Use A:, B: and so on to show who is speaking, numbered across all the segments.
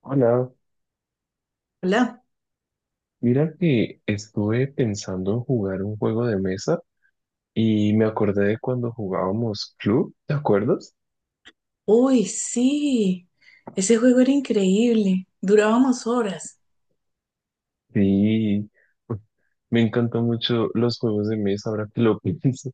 A: Hola,
B: Hola.
A: mira que estuve pensando en jugar un juego de mesa y me acordé de cuando jugábamos Club, ¿te acuerdas?
B: Uy, sí. Ese juego era increíble. Durábamos horas.
A: Sí, pues, me encantan mucho los juegos de mesa ahora que lo pienso.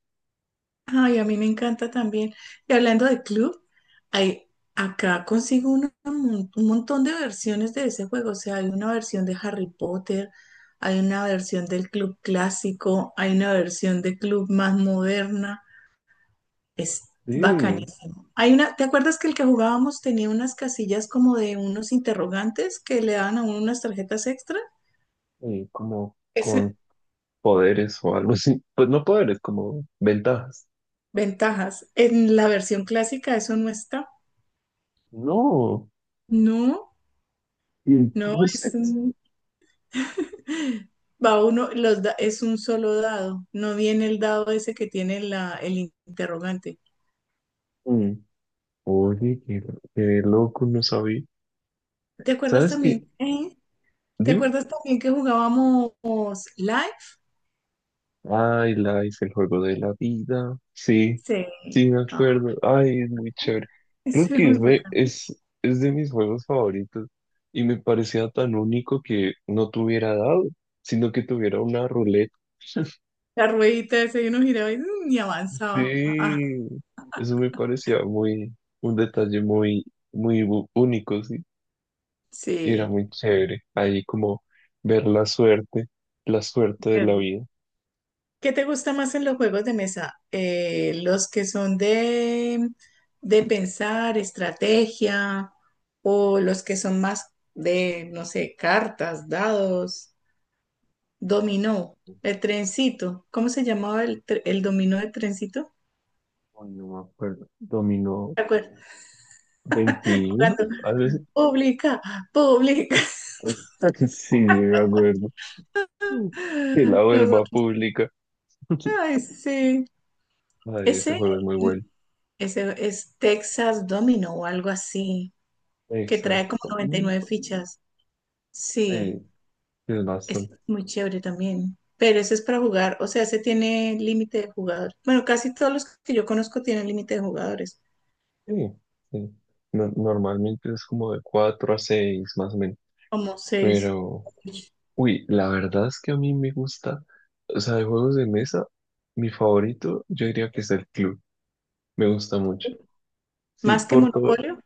B: Ay, a mí me encanta también. Y hablando de club, hay, acá consigo un montón de versiones de ese juego. O sea, hay una versión de Harry Potter, hay una versión del club clásico, hay una versión de club más moderna. Es
A: Sí,
B: bacanísimo. Hay una, ¿te acuerdas que el que jugábamos tenía unas casillas como de unos interrogantes que le daban a uno unas tarjetas extra?
A: como con poderes o algo así. Pues no poderes, como ventajas.
B: Ventajas. En la versión clásica eso no está.
A: No,
B: No,
A: y
B: no,
A: entonces,
B: va uno, es un solo dado. No viene el dado ese que tiene el interrogante.
A: mm, oye, qué loco, no sabía.
B: ¿Te acuerdas
A: ¿Sabes
B: también?
A: qué?
B: ¿Te
A: Dime.
B: acuerdas también que jugábamos live?
A: Ay, Life, el juego de la vida. Sí,
B: Sí.
A: sí, me
B: Ah,
A: acuerdo. Ay, es muy chévere. Creo
B: eso era
A: que
B: muy
A: es de,
B: bacán.
A: es, es de mis juegos favoritos y me parecía tan único que no tuviera dado, sino que tuviera una ruleta.
B: La ruedita ese y uno giraba y, y avanzaba. Ah,
A: Sí, eso me parecía muy, un detalle muy, único, sí. Y era
B: sí.
A: muy chévere ahí como ver la suerte de la vida.
B: ¿Qué te gusta más en los juegos de mesa? ¿Los que son de pensar, estrategia, o los que son más de, no sé, cartas, dados, dominó, el trencito? ¿Cómo se llamaba el dominó de trencito?
A: Ay, no me acuerdo. Dominó,
B: ¿Te acuerdas?
A: 21,
B: Jugando,
A: a veces.
B: pública, pública.
A: Sí, me acuerdo. Que la vuelva
B: Nosotros,
A: pública.
B: ay, sí.
A: Ay, ese
B: Ese,
A: juego es muy bueno.
B: es Texas Domino o algo así, que trae como
A: Exacto.
B: noventa y
A: Mm,
B: nueve fichas. Sí.
A: sí, es
B: Es
A: bastante.
B: muy chévere también. Pero ese es para jugar, o sea, ese tiene límite de jugadores. Bueno, casi todos los que yo conozco tienen límite de jugadores,
A: Sí, sí. Normalmente es como de cuatro a 6 más o menos.
B: como seis.
A: Pero, uy, la verdad es que a mí me gusta, o sea, de juegos de mesa, mi favorito, yo diría que es el club. Me gusta mucho. Sí,
B: Más que
A: por todo,
B: Monopolio.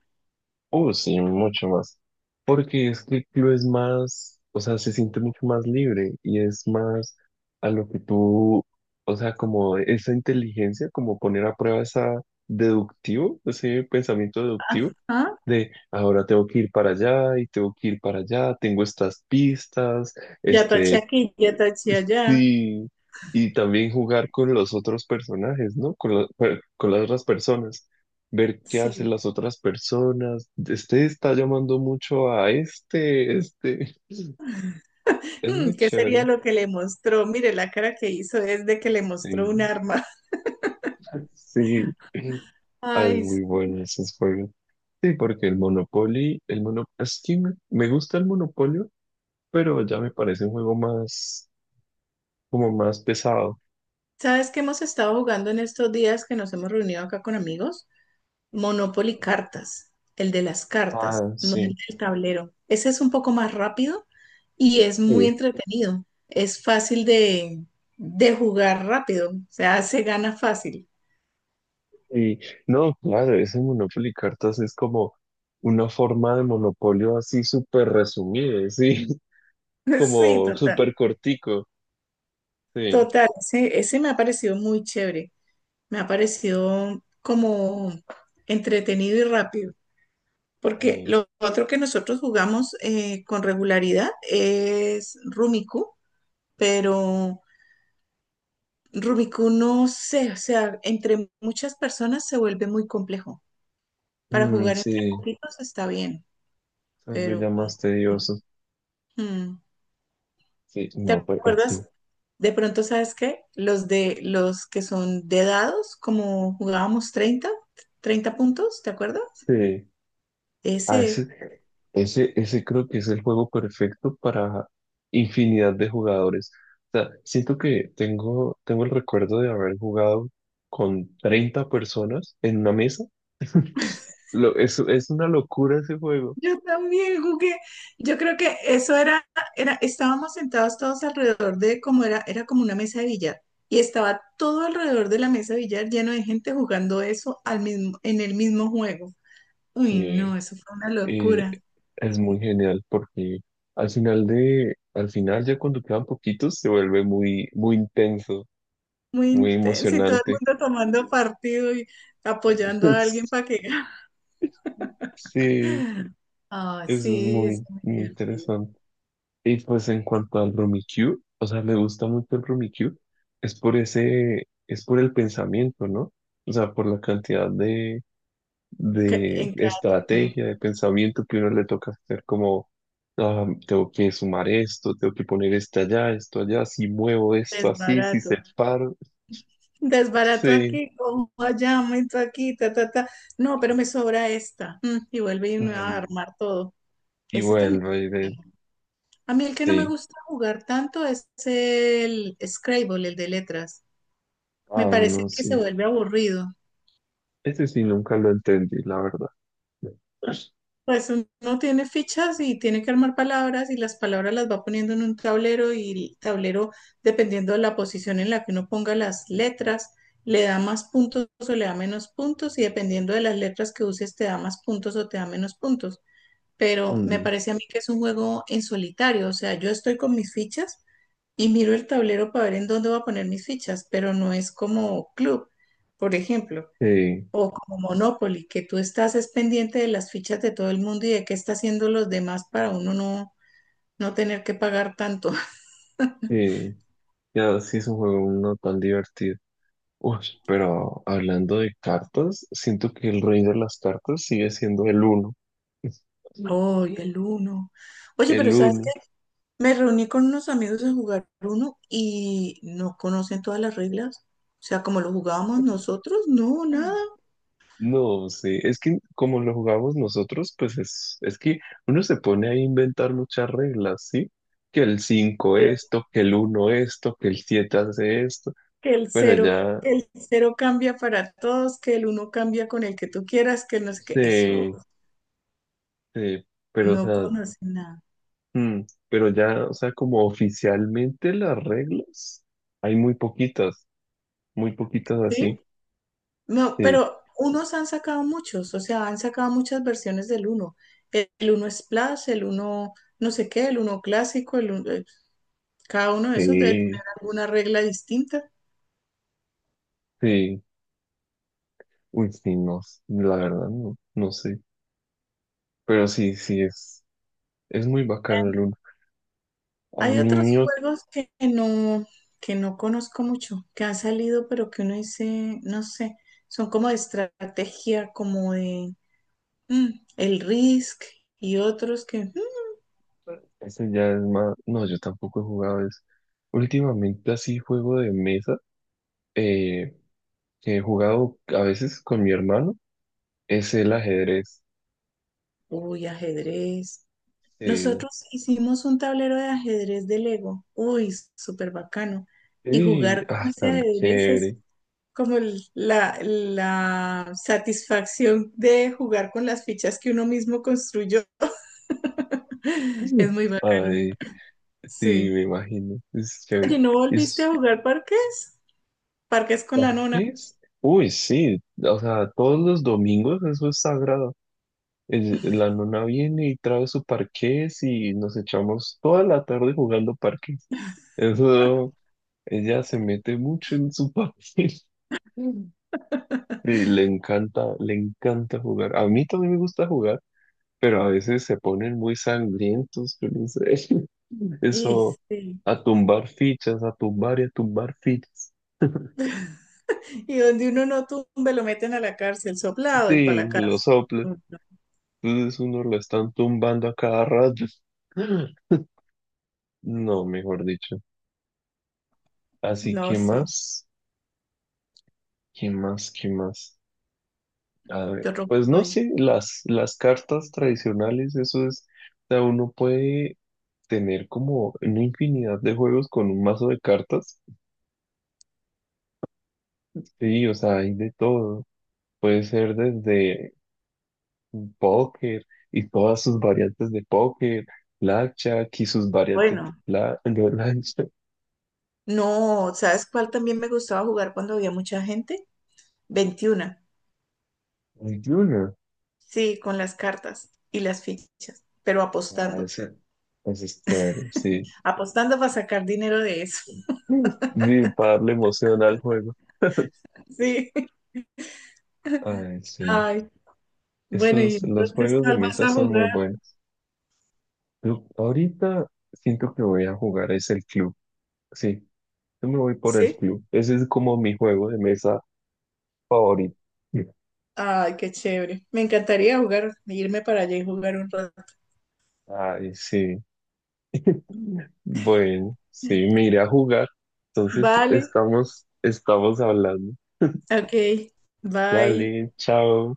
A: Sí, mucho más. Porque es que el club es más, o sea, se siente mucho más libre y es más a lo que tú, o sea, como esa inteligencia, como poner a prueba esa deductivo, ese pensamiento deductivo
B: Ah,
A: de ahora tengo que ir para allá y tengo que ir para allá, tengo estas pistas,
B: ya taché
A: este.
B: aquí, ya taché allá.
A: Sí, y también jugar con los otros personajes, ¿no? Con las otras personas, ver qué hacen
B: Sí.
A: las otras personas. Este está llamando mucho a este. Es muy
B: ¿Qué sería
A: chévere.
B: lo que le mostró? Mire, la cara que hizo es de que le mostró un
A: Sí,
B: arma.
A: sí, ah, es
B: Ay,
A: muy bueno esos juegos. Sí, porque el Monopoly, es que me gusta el Monopolio, pero ya me parece un juego más, como más pesado.
B: ¿sabes qué hemos estado jugando en estos días que nos hemos reunido acá con amigos? Monopoly Cartas, el de las cartas,
A: Ah,
B: no
A: sí.
B: el del tablero. Ese es un poco más rápido y es muy
A: Sí.
B: entretenido. Es fácil de jugar rápido, o sea, se gana fácil.
A: Y no, claro, ese Monopoly Cartas es como una forma de monopolio así súper resumida, sí,
B: Sí,
A: como
B: total.
A: súper cortico, sí,
B: Total, ese, me ha parecido muy chévere. Me ha parecido como entretenido y rápido. Porque
A: sí,
B: lo otro que nosotros jugamos con regularidad es Rumiku, pero Rubiku, no sé, o sea, entre muchas personas se vuelve muy complejo. Para
A: mm,
B: jugar entre
A: sí,
B: poquitos está bien,
A: tal vez
B: pero
A: ya más
B: no.
A: tedioso,
B: Mm.
A: sí,
B: ¿Te
A: no, pues sí,
B: acuerdas? De pronto, ¿sabes qué? Los de los que son de dados, como jugábamos 30 puntos, ¿te acuerdas?
A: sí. Ah,
B: Ese
A: ese creo que es el juego perfecto para infinidad de jugadores. O sea, siento que tengo el recuerdo de haber jugado con 30 personas en una mesa. Es una locura ese juego.
B: Yo también jugué. Yo creo que eso era, estábamos sentados todos alrededor de como era, era como una mesa de billar. Y estaba todo alrededor de la mesa de billar lleno de gente jugando eso al mismo, en el mismo juego. Uy,
A: Eh,
B: no, eso fue una
A: eh,
B: locura.
A: es muy genial porque al final ya cuando quedan poquitos se vuelve muy, muy intenso,
B: Muy
A: muy
B: intenso y todo el
A: emocionante.
B: mundo tomando partido y apoyando a alguien para que gane.
A: Sí,
B: Ah,
A: eso es
B: sí, eso
A: muy,
B: es muy
A: muy
B: divertido.
A: interesante. Y pues en cuanto al Rummikub, o sea, me gusta mucho el Rummikub, es por el pensamiento, ¿no? O sea, por la cantidad de, de
B: En cada turno,
A: estrategia, de pensamiento que uno le toca hacer, como, ah, tengo que sumar esto, tengo que poner esto allá, si muevo esto
B: es
A: así, si separo,
B: desbarato
A: sí,
B: aquí, como allá, aumento aquí, ta, ta, ta. No, pero me sobra esta. Y vuelve y me va a
A: mm,
B: armar todo.
A: y
B: Ese también
A: vuelvo
B: es
A: y ver,
B: bueno. A mí el que no me
A: sí,
B: gusta jugar tanto es el Scrabble, el de letras. Me
A: ah,
B: parece
A: no,
B: que se
A: sí,
B: vuelve aburrido.
A: ese sí nunca lo entendí, la verdad. Mm,
B: Pues uno tiene fichas y tiene que armar palabras y las palabras las va poniendo en un tablero y el tablero, dependiendo de la posición en la que uno ponga las letras, le da más puntos o le da menos puntos y dependiendo de las letras que uses te da más puntos o te da menos puntos. Pero me parece a mí que es un juego en solitario, o sea, yo estoy con mis fichas y miro el tablero para ver en dónde voy a poner mis fichas, pero no es como club, por ejemplo.
A: sí,
B: O como Monopoly, que tú estás es pendiente de las fichas de todo el mundo y de qué está haciendo los demás para uno no, no tener que pagar tanto.
A: sí, ya sí es un juego no tan divertido. Uy, pero hablando de cartas, siento que el rey de las cartas sigue siendo el uno.
B: Oh y el uno. Oye, pero
A: El
B: ¿sabes qué?
A: uno.
B: Me reuní con unos amigos a jugar uno y no conocen todas las reglas. O sea, como lo jugábamos nosotros, no, nada.
A: No sé, es que como lo jugamos nosotros, pues es que uno se pone a inventar muchas reglas, ¿sí? Que el 5
B: Que
A: esto, que el uno esto, que el 7 hace esto,
B: que el
A: pero
B: cero,
A: ya
B: que el cero cambia para todos, que el uno cambia con el que tú quieras, que no sé qué. Eso,
A: se, se- pero o
B: no
A: sea,
B: conocen nada.
A: mm, pero ya, o sea, como oficialmente las reglas, hay muy poquitas
B: ¿Sí?
A: así,
B: No,
A: sí,
B: pero unos han sacado muchos, o sea, han sacado muchas versiones del uno. El uno Splash, el uno no sé qué, el uno clásico, cada uno de esos debe tener
A: sí,
B: alguna regla distinta.
A: sí, uy, sí, no, la verdad no, no sé, pero sí, sí, es muy bacano el uno. A
B: Hay otros
A: mí
B: juegos que no conozco mucho, que han salido, pero que uno dice, no sé, son como de estrategia, como de mm, el Risk y otros que,
A: Eso ya es más. No, yo tampoco he jugado eso. Últimamente así juego de mesa eh, que he jugado a veces con mi hermano es el ajedrez.
B: uy, ajedrez.
A: Sí,
B: Nosotros hicimos un tablero de ajedrez de Lego. Uy, súper bacano. Y
A: sí,
B: jugar con
A: ah,
B: ese
A: tan
B: ajedrez es
A: chévere.
B: como la satisfacción de jugar con las fichas que uno mismo construyó. Es muy bacano.
A: Ay, sí,
B: Sí.
A: me imagino. Es chévere.
B: ¿Y no volviste a jugar parques? Parques con la nona.
A: Parques. Uy, sí. O sea, todos los domingos eso es sagrado. La nona viene y trae su parqués y nos echamos toda la tarde jugando parqués. Eso. Ella se mete mucho en su papel. Mm. Y le encanta jugar. A mí también me gusta jugar, pero a veces se ponen muy sangrientos, yo no sé.
B: Y,
A: Eso,
B: sí.
A: a tumbar fichas, a tumbar y a tumbar fichas.
B: Y donde uno no tumbe, lo meten a la cárcel, soplado y para
A: Sí,
B: la
A: lo
B: cárcel.
A: sopla. Entonces uno lo están tumbando a cada rato. No, mejor dicho. Así
B: No,
A: que
B: sí.
A: más, ¿qué más, qué más? A
B: Yo
A: ver,
B: rompo
A: pues no
B: ahí.
A: sé, las cartas tradicionales, eso es, o sea, uno puede tener como una infinidad de juegos con un mazo de cartas. Sí, o sea, hay de todo. Puede ser desde póker y todas sus variantes de póker, blackjack y sus variantes de,
B: Bueno.
A: bla- de blackjack.
B: No, ¿sabes cuál también me gustaba jugar cuando había mucha gente? 21.
A: Hay de una.
B: Sí, con las cartas y las fichas, pero
A: Ah,
B: apostando.
A: ese es chévere, sí.
B: Apostando para sacar dinero de eso.
A: Mm. Sí, para darle emoción al juego.
B: Sí.
A: Ay, sí.
B: Ay, bueno, ¿y
A: Esos, los
B: entonces
A: juegos de
B: cuál vas
A: mesa
B: a
A: son muy
B: jugar?
A: buenos. Yo ahorita siento que voy a jugar es el club. Sí, yo me voy por el
B: Sí.
A: club. Ese es como mi juego de mesa favorito.
B: Ay, qué chévere. Me encantaría jugar, irme para allá y jugar un rato.
A: Ay, sí. Bueno, sí, me iré a jugar. Entonces,
B: Vale,
A: estamos hablando.
B: ok. Bye.
A: Dale, chao.